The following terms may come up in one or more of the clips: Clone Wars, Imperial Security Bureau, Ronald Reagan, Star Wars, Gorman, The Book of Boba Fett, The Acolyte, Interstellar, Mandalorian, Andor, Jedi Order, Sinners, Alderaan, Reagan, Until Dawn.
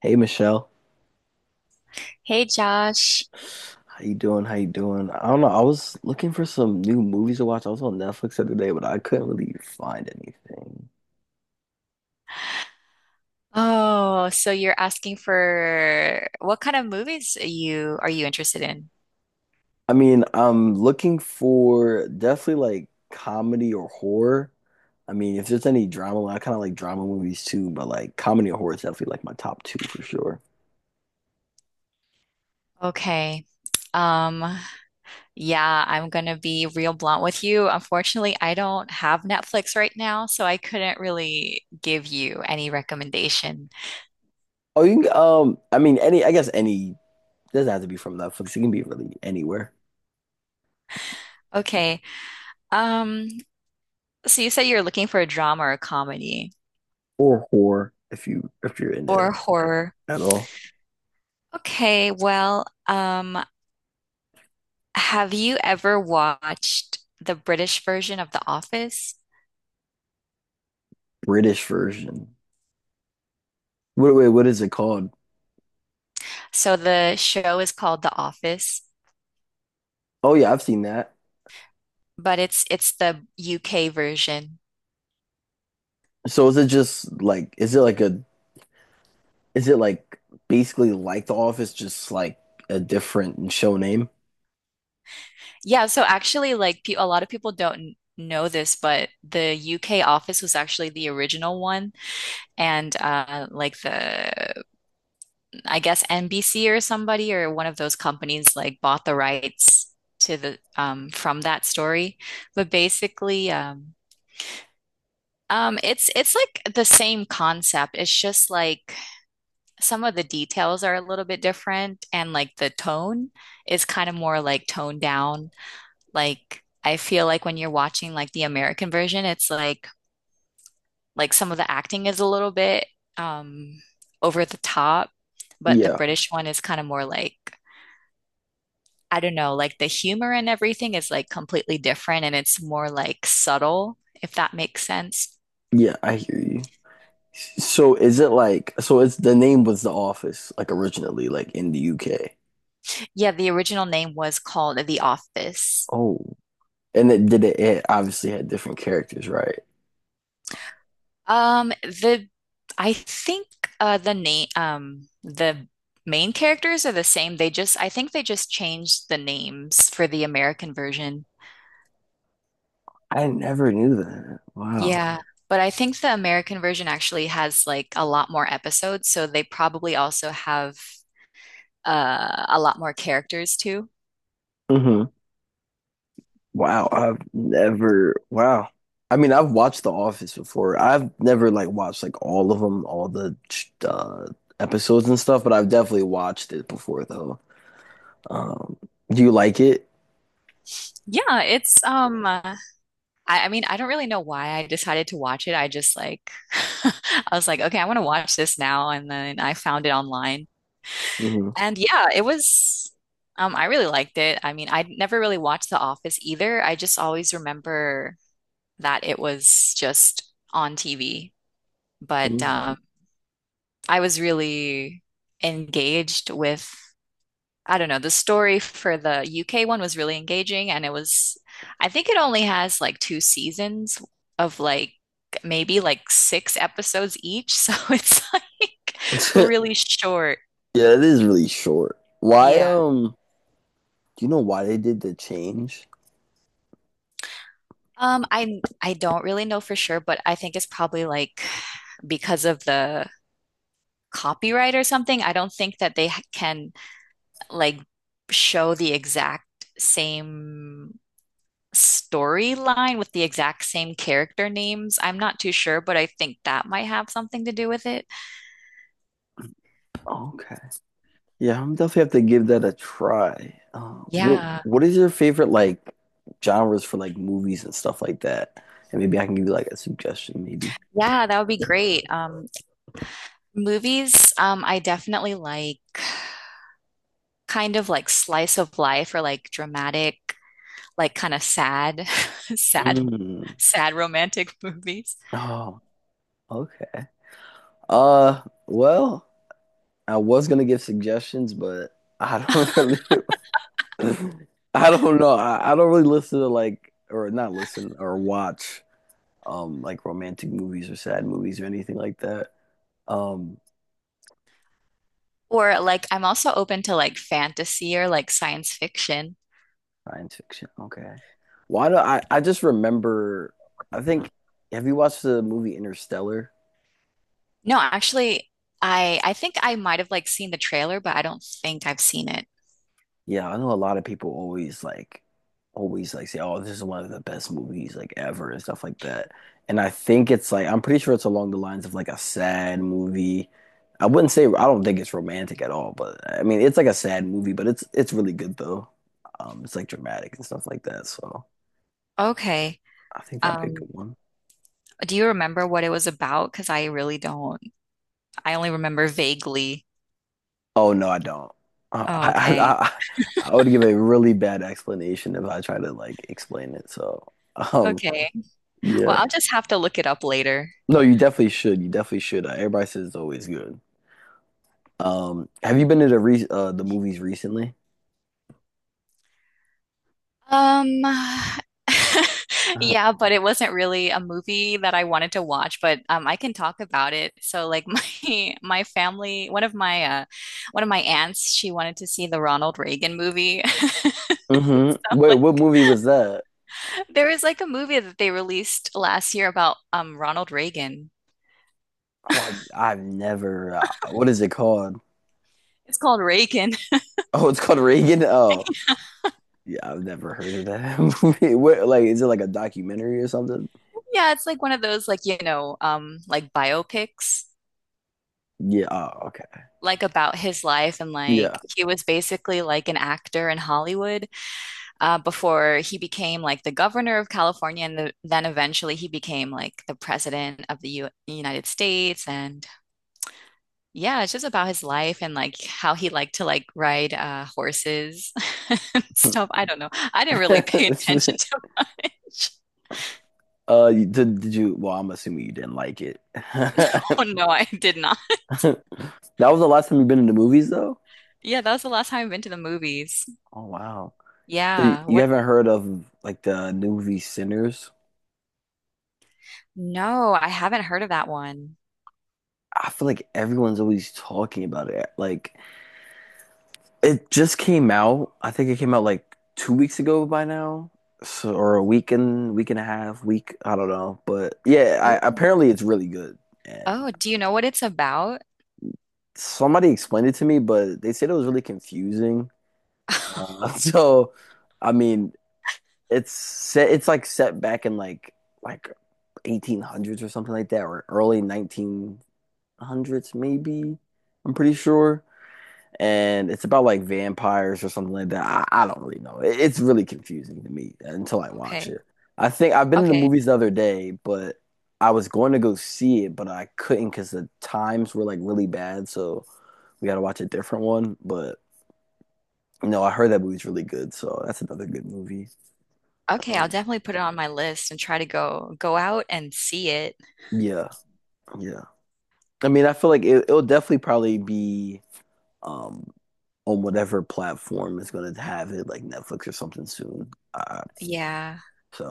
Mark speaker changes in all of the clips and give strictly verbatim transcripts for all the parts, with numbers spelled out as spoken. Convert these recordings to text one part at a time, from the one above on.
Speaker 1: Hey Michelle,
Speaker 2: Hey Josh.
Speaker 1: how you doing? How you doing? I don't know. I was looking for some new movies to watch. I was on Netflix the other day, but I couldn't really find anything.
Speaker 2: Oh, so you're asking for what kind of movies are you are you interested in?
Speaker 1: I mean, I'm looking for definitely like comedy or horror. I mean, if there's any drama, I kind of like drama movies too, but like comedy or horror is definitely like my top two for sure.
Speaker 2: Okay. Um, yeah, I'm gonna be real blunt with you. Unfortunately, I don't have Netflix right now, so I couldn't really give you any recommendation.
Speaker 1: Oh, you can, um, I mean, any, I guess any doesn't have to be from Netflix. It can be really anywhere
Speaker 2: Okay. Um, so you said you're looking for a drama or a comedy
Speaker 1: or horror if you if you're into
Speaker 2: or
Speaker 1: that
Speaker 2: horror.
Speaker 1: at all.
Speaker 2: Okay, well, um, have you ever watched the British version of The Office?
Speaker 1: British version. Wait, wait, what is it called?
Speaker 2: So the show is called The Office,
Speaker 1: Oh yeah, I've seen that.
Speaker 2: but it's it's the U K version.
Speaker 1: So is it just like is it like a is it like basically like The Office just like a different show name?
Speaker 2: Yeah, so actually like pe a lot of people don't know this, but the U K Office was actually the original one and uh like the I guess N B C or somebody or one of those companies like bought the rights to the um from that story. But basically um um it's it's like the same concept. It's just like some of the details are a little bit different and like the tone is kind of more like toned down. Like I feel like when you're watching like the American version, it's like like some of the acting is a little bit um over the top, but the
Speaker 1: Yeah.
Speaker 2: British one is kind of more like I don't know, like the humor and everything is like completely different and it's more like subtle, if that makes sense.
Speaker 1: Yeah, I hear you. So is it like so it's the name was The Office like originally like in the U K.
Speaker 2: Yeah, the original name was called The Office.
Speaker 1: Oh. And it did it, it obviously had different characters, right?
Speaker 2: Um, the I think uh the name um the main characters are the same. They just I think they just changed the names for the American version.
Speaker 1: I never knew that. Wow.
Speaker 2: Yeah, but I think the American version actually has like a lot more episodes, so they probably also have uh a lot more characters too.
Speaker 1: Mhm. Wow, I've never. Wow. I mean, I've watched The Office before. I've never like watched like all of them, all the uh, episodes and stuff, but I've definitely watched it before though. Um, do you like it?
Speaker 2: Yeah, it's um uh, I, I mean I don't really know why I decided to watch it. I just like I was like, okay, I want to watch this now, and then I found it online.
Speaker 1: Hmm.
Speaker 2: And yeah, it was, um, I really liked it. I mean, I never really watched The Office either. I just always remember that it was just on T V. But um, I was really engaged with, I don't know, the story for the U K one was really engaging. And it was, I think it only has like two seasons of like maybe like six episodes each. So it's like really short.
Speaker 1: Yeah, it is really short. Why,
Speaker 2: Yeah.
Speaker 1: um, do you know why they did the change?
Speaker 2: Um, I I don't really know for sure, but I think it's probably like because of the copyright or something. I don't think that they ha- can like show the exact same storyline with the exact same character names. I'm not too sure, but I think that might have something to do with it.
Speaker 1: Okay. Yeah, I'm definitely have to give that a try. Uh, what
Speaker 2: Yeah.
Speaker 1: what is your favorite like genres for like movies and stuff like that? And maybe I can give you like a suggestion, maybe.
Speaker 2: Yeah, that would be great. Um, movies, um, I definitely like kind of like slice of life or like dramatic like kind of sad, sad,
Speaker 1: Mm.
Speaker 2: sad romantic movies.
Speaker 1: Oh, okay. Uh, well, I was gonna give suggestions, but I don't really, I don't know. I, I don't really listen to like, or not listen or watch, um, like romantic movies or sad movies or anything like that. Um,
Speaker 2: Or like I'm also open to like fantasy or like science fiction.
Speaker 1: Science fiction. Okay. Why do I? I just remember. I think. Have you watched the movie Interstellar?
Speaker 2: No, actually, I I think I might have like seen the trailer, but I don't think I've seen it.
Speaker 1: Yeah, I know a lot of people always like always like say, "Oh, this is one of the best movies like ever" and stuff like that. And I think it's like I'm pretty sure it's along the lines of like a sad movie. I wouldn't say I don't think it's romantic at all, but I mean it's like a sad movie, but it's it's really good though. Um, it's like dramatic and stuff like that. So
Speaker 2: Okay.
Speaker 1: I think that'd be a
Speaker 2: Um,
Speaker 1: good one.
Speaker 2: do you remember what it was about? Because I really don't. I only remember vaguely.
Speaker 1: Oh no, I don't. Uh,
Speaker 2: Oh,
Speaker 1: I,
Speaker 2: okay.
Speaker 1: I, I I would give a really bad explanation if I tried to like explain it. So um,
Speaker 2: Okay. Well,
Speaker 1: yeah.
Speaker 2: I'll just have to look it up later.
Speaker 1: No, you definitely should. You definitely should. Uh, everybody says it's always good. Um, have you been to the re uh the movies recently?
Speaker 2: Um, yeah, but it wasn't really a movie that I wanted to watch, but um, I can talk about it. So, like my my family, one of my uh, one of my aunts, she wanted to see the Ronald Reagan movie.
Speaker 1: Uh hmm. Wait, what movie was that?
Speaker 2: There is like a movie that they released last year about um Ronald Reagan.
Speaker 1: Oh, I've, I've never. Uh, what is it called?
Speaker 2: It's called Reagan.
Speaker 1: Oh, it's called Reagan. Oh, yeah, I've never heard of that movie. What, like, is it like a documentary or something?
Speaker 2: Yeah, it's like one of those like, you know, um like biopics
Speaker 1: Yeah. Oh, okay.
Speaker 2: like about his life and
Speaker 1: Yeah.
Speaker 2: like he was basically like an actor in Hollywood. uh, before he became like the governor of California, and the, then eventually he became like the president of the U United States. And yeah, it's just about his life and like how he liked to like ride uh, horses and stuff. I don't know. I didn't really pay
Speaker 1: It's
Speaker 2: attention
Speaker 1: just-
Speaker 2: to much.
Speaker 1: uh, you- did, did you? Well, I'm assuming you didn't like it.
Speaker 2: Oh no, I did not.
Speaker 1: That was the last time you've been in the movies, though.
Speaker 2: Yeah, that was the last time I've been to the movies.
Speaker 1: Oh wow. So y-
Speaker 2: Yeah.
Speaker 1: you
Speaker 2: What?
Speaker 1: haven't heard of like the new movie Sinners?
Speaker 2: No, I haven't heard of that one.
Speaker 1: I feel like everyone's always talking about it. Like it just came out. I think it came out like two weeks ago by now, so or a week and week and a half, week. I don't know, but yeah,
Speaker 2: Oh,
Speaker 1: I, apparently it's really good. And
Speaker 2: oh, do you know what it's about?
Speaker 1: somebody explained it to me, but they said it was really confusing. Uh, so, I mean, it's set. It's like set back in like like eighteen hundreds or something like that, or early nineteen hundreds, maybe. I'm pretty sure. And it's about like vampires or something like that. I, I don't really know. It- it's really confusing to me until I watch
Speaker 2: Okay.
Speaker 1: it. I think I've been in the
Speaker 2: Okay.
Speaker 1: movies the other day, but I was going to go see it, but I couldn't because the times were like really bad. So we got to watch a different one. But you know, I heard that movie's really good. So that's another good movie.
Speaker 2: Okay, I'll
Speaker 1: Um,
Speaker 2: definitely put it on my list and try to go go out and see it.
Speaker 1: yeah, yeah. I mean, I feel like it, it'll definitely probably be. um, on whatever platform is going to have it, like Netflix or something soon. Uh,
Speaker 2: Yeah.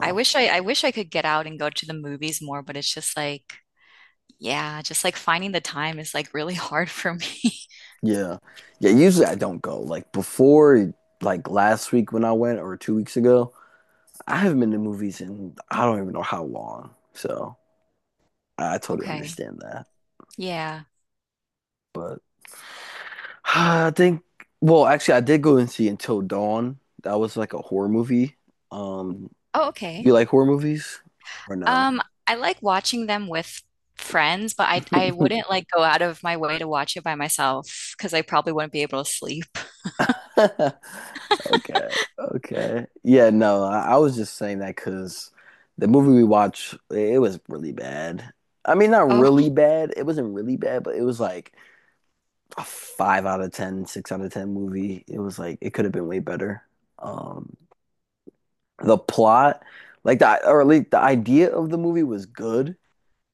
Speaker 2: I wish I I wish I could get out and go to the movies more, but it's just like yeah, just like finding the time is like really hard for me.
Speaker 1: yeah, yeah. Usually I don't go. Like before, like last week when I went, or two weeks ago, I haven't been to movies in I don't even know how long. So I, I totally
Speaker 2: Okay.
Speaker 1: understand that.
Speaker 2: Yeah.
Speaker 1: But I think, well, actually, I did go and see Until Dawn. That was like a horror movie. Um,
Speaker 2: Oh,
Speaker 1: do you
Speaker 2: okay.
Speaker 1: like horror movies or no?
Speaker 2: Um, I like watching them with friends, but I I wouldn't like go out of my way to watch it by myself because I probably wouldn't be able to sleep.
Speaker 1: Okay, okay. Yeah, no, I, I was just saying that because the movie we watched, it, was really bad. I mean, not
Speaker 2: Oh,
Speaker 1: really bad. It wasn't really bad, but it was like a five out of ten, six out of ten movie. It was like it could have been way better. Um, the plot, like the or at least the idea of the movie was good.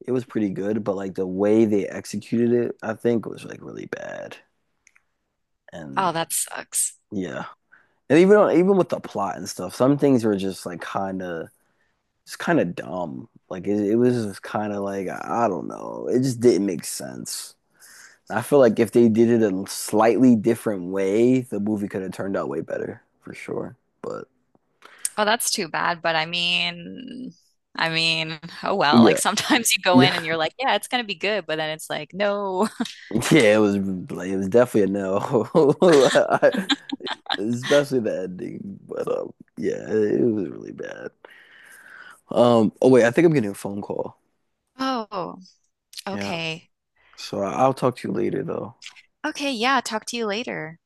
Speaker 1: It was pretty good, but like the way they executed it, I think was like really bad.
Speaker 2: oh,
Speaker 1: And
Speaker 2: that sucks.
Speaker 1: yeah, and even on, even with the plot and stuff, some things were just like kind of. It's kind of dumb. Like it, it was kind of like I don't know. It just didn't make sense. I feel like if they did it a slightly different way, the movie could have turned out way better for sure. But
Speaker 2: Oh, that's too bad. But I mean, I mean, oh well. Like
Speaker 1: yeah,
Speaker 2: sometimes you go in
Speaker 1: yeah,
Speaker 2: and you're like, yeah, it's gonna be good, but then it's like, no.
Speaker 1: yeah. It was like it was definitely a no, I- especially the ending. But um, yeah, it, it was really bad. Um. Oh wait, I think I'm getting a phone call.
Speaker 2: Oh,
Speaker 1: Yeah.
Speaker 2: okay.
Speaker 1: So I- I'll talk to you later though.
Speaker 2: Okay, yeah, talk to you later.